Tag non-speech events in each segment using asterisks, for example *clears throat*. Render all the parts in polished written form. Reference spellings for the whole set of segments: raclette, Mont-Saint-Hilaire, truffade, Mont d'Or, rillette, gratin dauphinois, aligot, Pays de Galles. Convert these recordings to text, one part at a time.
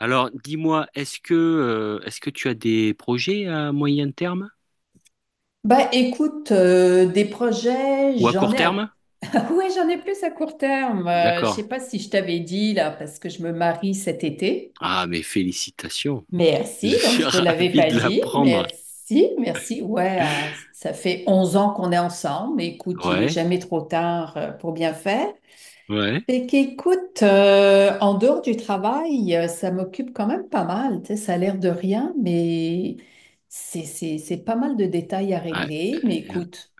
Alors, dis-moi, est-ce que tu as des projets à moyen terme Bah écoute, des projets, ou à j'en court ai à... terme? *laughs* Ouais, j'en ai plus à court terme. Je D'accord. sais pas si je t'avais dit là, parce que je me marie cet été. Ah, mais félicitations. Je Merci, donc suis *laughs* je te l'avais ravi pas de dit. l'apprendre. Merci, merci. Ouais, ça fait 11 ans qu'on est ensemble. Écoute, il est Ouais, jamais trop tard pour bien faire. ouais, Fait qu'écoute, en dehors du travail, ça m'occupe quand même pas mal. Tu sais, ça a l'air de rien, mais c'est pas mal de détails à ouais. régler. Mais écoute.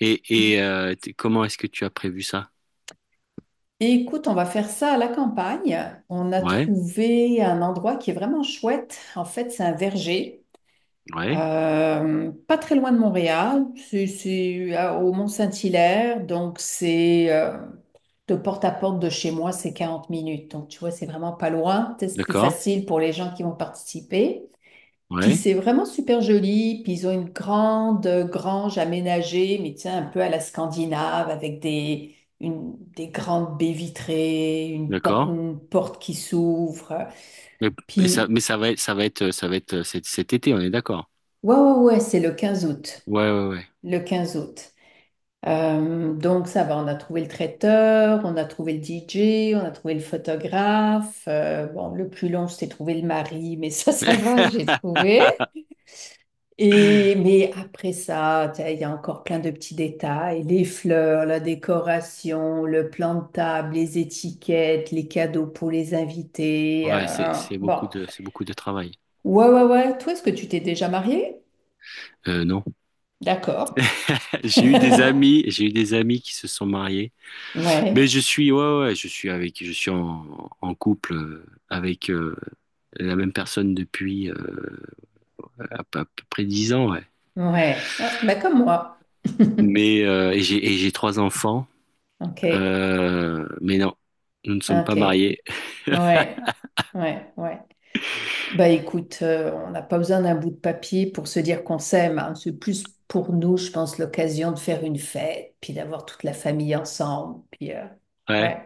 Et comment est-ce que tu as prévu ça? Écoute, on va faire ça à la campagne. On a Ouais, trouvé un endroit qui est vraiment chouette. En fait, c'est un verger, ouais, pas très loin de Montréal. C'est au Mont-Saint-Hilaire, donc c'est, de porte à porte de chez moi, c'est 40 minutes. Donc tu vois, c'est vraiment pas loin. Peut-être c'est plus d'accord, facile pour les gens qui vont participer. Puis ouais, c'est vraiment super joli. Puis ils ont une grande grange aménagée, mais tiens, un peu à la Scandinave, avec des, des grandes baies vitrées, une, d'accord. une porte qui s'ouvre. Mais, mais Puis, ça va être cet été, on est d'accord. ouais, ouais, ouais, c'est le 15 août. Ouais, ouais, ouais. Le 15 août. Donc ça va, on a trouvé le traiteur, on a trouvé le DJ, on a trouvé le photographe. Bon, le plus long, c'était trouver le mari, mais ça va, j'ai trouvé. Et, *laughs* mais après ça, tu sais, il y a encore plein de petits détails, les fleurs, la décoration, le plan de table, les étiquettes, les cadeaux pour les invités. Ouais, Bon. C'est beaucoup de travail. Ouais, ouais, ouais. Toi, est-ce que tu t'es déjà mariée? Non. D'accord. *laughs* *laughs* J'ai eu des amis qui se sont mariés. Mais Ouais, je suis, ouais, ouais, ouais, je suis en couple avec la même personne depuis à peu près 10 ans, ouais. ouais. Ah, bah comme moi. *laughs* Mais et j'ai 3 enfants, Ok, mais non, nous ne sommes pas ok. mariés. Ouais, ouais, ouais. Bah écoute, on n'a pas besoin d'un bout de papier pour se dire qu'on s'aime, hein. C'est plus pour nous, je pense, l'occasion de faire une fête, puis d'avoir toute la famille ensemble. Puis Ouais. ouais,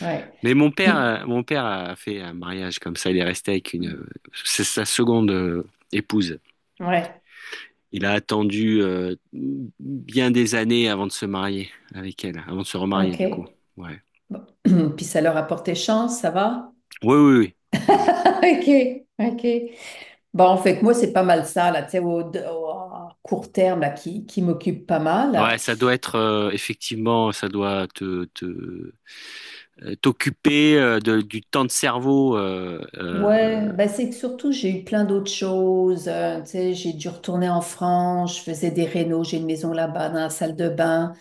ouais. Mais mon père, Puis euh, mon père a fait un mariage comme ça. Il est resté avec mm, une, C'est sa seconde épouse. ouais, Il a attendu bien des années avant de se marier avec elle, avant de se remarier ok. du coup. Ouais. Bon. *clears throat* Puis ça leur a porté chance, ça va? *laughs* Ouais, oui, oui, oui. Oui, Ok, ok. Bon, en fait, moi, c'est pas mal ça, là, tu sais, à court terme, là, qui m'occupe pas ouais, mal. ça doit être effectivement, ça doit te, te t'occuper du temps de cerveau. Ouais, bah c'est que surtout j'ai eu plein d'autres choses. Tu sais, j'ai dû retourner en France, je faisais des rénaux, j'ai une maison là-bas dans la salle de bain.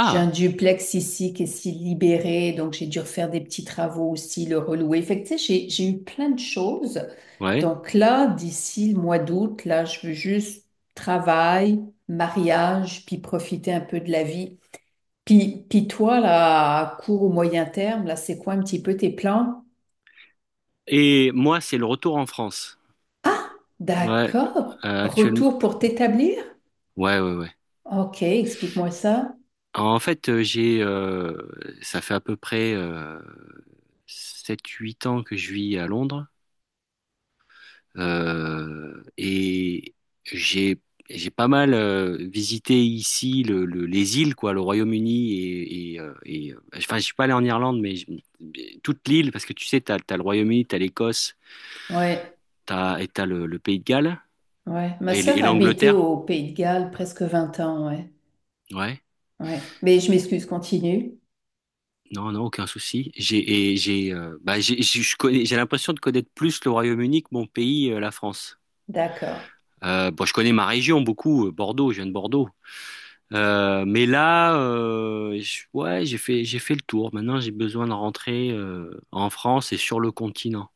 J'ai un duplex ici qui est si libéré, donc j'ai dû refaire des petits travaux aussi, le relouer. Fait que, tu sais, j'ai eu plein de choses. ouais. Donc là, d'ici le mois d'août, là, je veux juste travail, mariage, puis profiter un peu de la vie. Puis toi, là, à court ou moyen terme, là, c'est quoi un petit peu tes plans? Et moi, c'est le retour en France. Ah, Ouais, d'accord. Actuellement. Retour pour t'établir? Ouais, ouais, ouais. Ok, explique-moi ça. En fait, ça fait à peu près 7-8 ans que je vis à Londres. Et j'ai j'ai pas mal visité ici les îles, quoi, le Royaume-Uni, enfin, je suis pas allé en Irlande, toute l'île, parce que tu sais, t'as le Royaume-Uni, t'as l'Écosse, Ouais, t'as le Pays de Galles ouais. Ma et sœur a habité l'Angleterre. au Pays de Galles presque 20 ans, ouais. Ouais, Ouais. Mais je m'excuse, continue. non, non, aucun souci. J'ai et j'ai bah, j'ai Je connais, j'ai l'impression de connaître plus le Royaume-Uni que mon pays, la France. D'accord, Bon, je connais ma région beaucoup, Bordeaux, je viens de Bordeaux. Mais là, ouais, j'ai fait le tour. Maintenant, j'ai besoin de rentrer en France et sur le continent.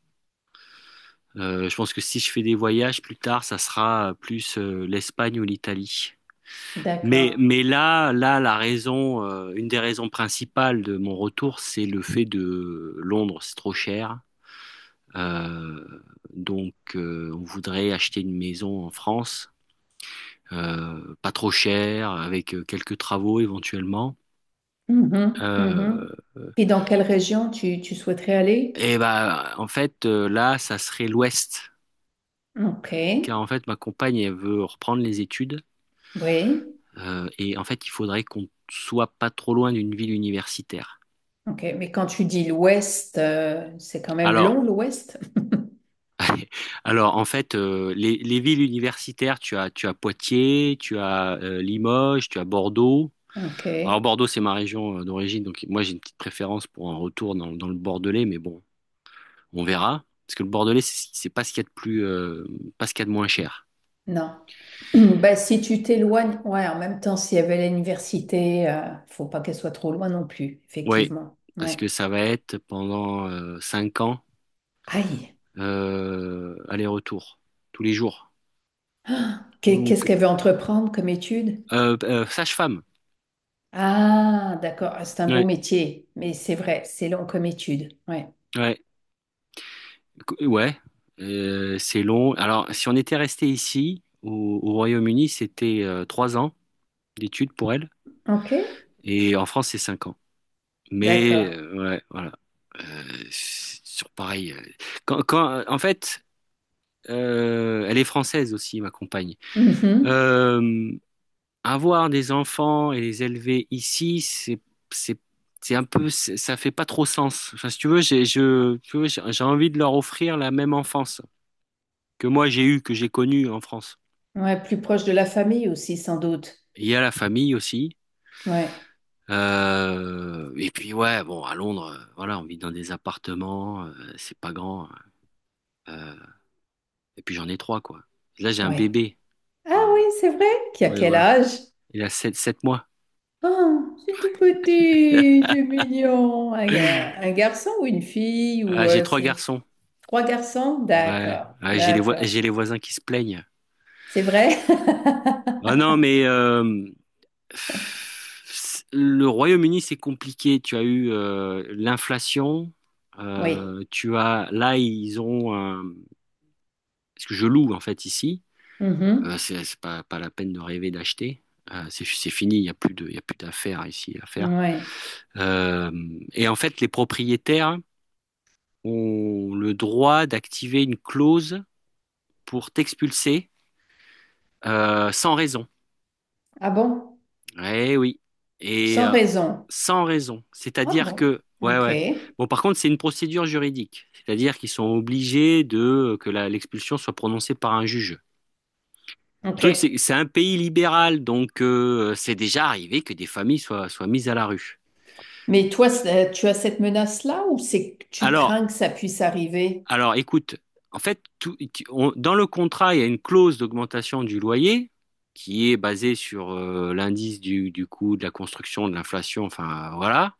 Je pense que si je fais des voyages plus tard, ça sera plus l'Espagne ou l'Italie. Mais, d'accord. mais une des raisons principales de mon retour, c'est le fait de Londres, c'est trop cher. Euh, donc, on voudrait acheter une maison en France, pas trop cher, avec quelques travaux éventuellement. Mhm, mhm. Euh, Et dans quelle région tu souhaiterais aller? Et bah en fait là ça serait l'ouest, Ok, car en fait ma compagne elle veut reprendre les études, oui. Et en fait il faudrait qu'on soit pas trop loin d'une ville universitaire. Ok, mais quand tu dis l'ouest, c'est quand même long Alors l'ouest? *laughs* alors en fait les villes universitaires, tu as Poitiers, tu as Limoges, tu as Bordeaux. Ok. Alors Bordeaux c'est ma région d'origine, donc moi j'ai une petite préférence pour un retour dans le Bordelais, mais bon, on verra parce que le Bordelais c'est pas ce qu'il y a de plus pas ce qu'il y a de moins cher. Non. *clears throat* Bah, si tu t'éloignes, ouais, en même temps, s'il y avait l'université, faut pas qu'elle soit trop loin non plus, Oui, effectivement. parce Ouais. que ça va être pendant 5 ans, Aïe. Aller-retour tous les jours. Qu'est-ce Donc qu'elle veut entreprendre comme étude? Sage-femme. Ah, d'accord. Ah, c'est un beau Ouais, métier, mais c'est vrai, c'est long comme étude. Ouais. ouais, ouais. C'est long. Alors si on était resté ici au Royaume-Uni, c'était 3 ans d'études pour elle, OK. et en France c'est 5 ans. Mais D'accord. euh, ouais, voilà. Euh, c'est sur pareil. En fait, elle est française aussi, ma compagne. Mhm. Euh, Avoir des enfants et les élever ici, c'est, c'est un peu, c'est- ça fait pas trop sens. Enfin, si tu veux, tu vois, j'ai envie de leur offrir la même enfance que moi j'ai eue, que j'ai connue en France. Ouais, plus proche de la famille aussi, sans doute. Il y a la famille aussi. Ouais. Et puis ouais, bon, à Londres, voilà, on vit dans des appartements, c'est pas grand. Euh, et puis j'en ai trois, quoi. Là, j'ai un Ouais. bébé. Ah Euh, oui, c'est vrai. Qui a ouais, quel voilà. âge? Il a sept mois. Oh, c'est tout petit, c'est mignon. Un, un garçon ou une fille Ah, ou j'ai trois c'est garçons. trois garçons? Ouais, D'accord, ouais, d'accord. j'ai les voisins qui se plaignent. C'est vrai? Ah *laughs* non, mais le Royaume-Uni, c'est compliqué. Tu as eu l'inflation. Oui. Tu as là, ils ont un- parce que je loue en fait ici. Mhm. C'est pas la peine de rêver d'acheter. C'est fini. Il y a plus d'affaires ici à faire. Ouais. Euh, et en fait, les propriétaires ont le droit d'activer une clause pour t'expulser sans raison. Ah bon? Eh oui. Et Sans euh, raison. Sans raison. Ah C'est-à-dire bon? que, ouais, Ok, ouais. Bon, par contre, c'est une procédure juridique. C'est-à-dire qu'ils sont obligés de que l'expulsion soit prononcée par un juge. Le ok. truc, c'est un pays libéral, donc c'est déjà arrivé que des familles soient mises à la rue. Mais toi, c'est- tu as cette menace-là ou c'est que tu Alors, crains que ça puisse arriver? Écoute, en fait, dans le contrat, il y a une clause d'augmentation du loyer qui est basée sur l'indice du coût de la construction, de l'inflation, enfin voilà.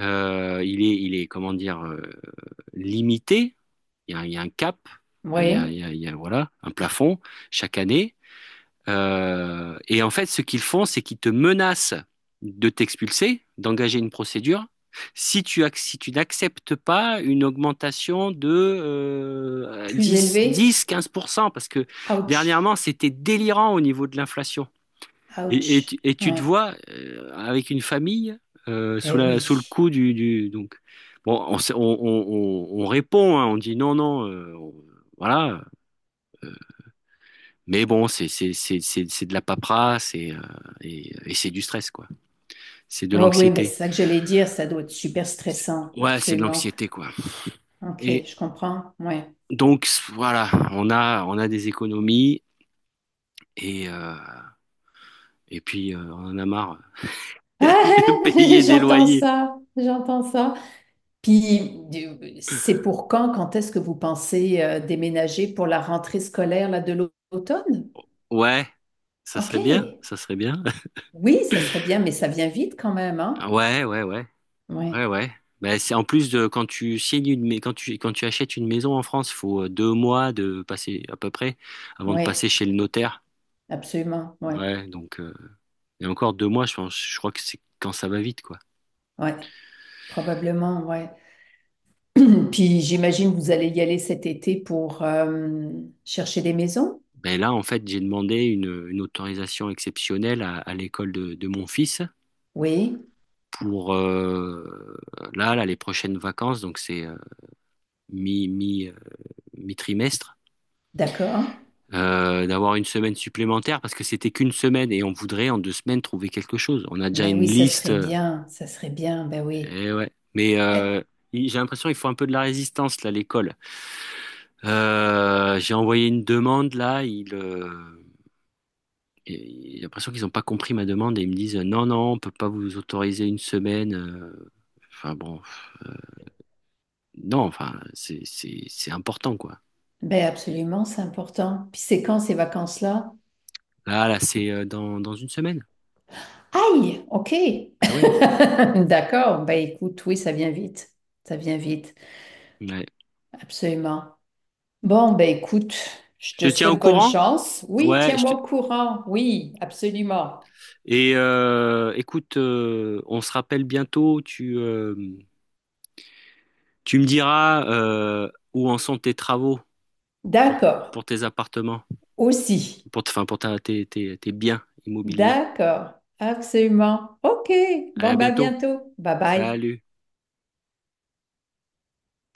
Il est comment dire, limité. Il y a un cap, Oui. Il y a, voilà, un plafond chaque année. Et en fait, ce qu'ils font, c'est qu'ils te menacent de t'expulser, d'engager une procédure, si si tu n'acceptes pas une augmentation de Plus élevé? 15%, parce que Ouch, dernièrement, c'était délirant au niveau de l'inflation. Ouch. Et tu te Ouais. vois avec une famille, sous Ben sous le oui. coup donc bon, on, s- on répond, hein, on dit non, non, voilà, mais bon, c'est de la paperasse, et et c'est du stress, quoi, c'est de Oui, oui, mais c'est l'anxiété. ça que j'allais dire, ça doit être super C'est- stressant, ouais, c'est de absolument. l'anxiété, quoi. Ok, Et je comprends. Ouais. donc voilà, on a des économies, et euh, et puis on en a marre *laughs* de Ah, *laughs* payer des j'entends loyers. ça, j'entends ça. Puis, c'est pour quand, quand est-ce que vous pensez déménager pour la rentrée scolaire là, l'automne? Ouais, ça Ok, serait bien, ça serait bien, oui, ça serait bien, mais ça vient vite quand même, hein? ouais, ouais, ouais. Ouais, Ouais, ouais. Bah, c'est en plus de quand tu achètes une maison en France, faut 2 mois de passer à peu près avant de ouais, passer chez le notaire. absolument, ouais, Ouais, donc et encore 2 mois, je pense, je crois que c'est quand ça va vite, quoi. ouais, probablement, ouais. *clears throat* Puis, j'imagine que vous allez y aller cet été pour chercher des maisons? Ben là, en fait, j'ai demandé une autorisation exceptionnelle à l'école de mon fils Oui. pour les prochaines vacances, donc c'est mi mi mi-trimestre. D'accord. D'avoir une semaine supplémentaire parce que c'était qu'une semaine et on voudrait en 2 semaines trouver quelque chose. On a déjà Ben une oui, liste. Ça serait bien, ben oui. Et ouais. Mais Eh, euh, il- j'ai l'impression qu'il faut un peu de la résistance là, à l'école. J'ai envoyé une demande là. J'ai l'impression qu'ils n'ont pas compris ma demande et ils me disent non, non, on peut pas vous autoriser une semaine. Enfin bon, non, enfin c'est important, quoi. ben absolument, c'est important. Puis c'est quand ces vacances-là? C'est dans une semaine. Aïe, ok. Ah ouais. *laughs* D'accord, ben écoute, oui, ça vient vite. Ça vient vite, Ouais. absolument. Bon, ben écoute, je Je te te tiens au souhaite bonne courant? chance. Oui, Ouais, je tiens-moi te- au courant. Oui, absolument. Et écoute, on se rappelle bientôt. Tu me diras où en sont tes travaux pour, D'accord, pour tes appartements, aussi. pour, enfin, pour tes biens immobiliers. D'accord, absolument. Ok, Allez, bon, à ben à bientôt. bientôt. Bye bye. Salut.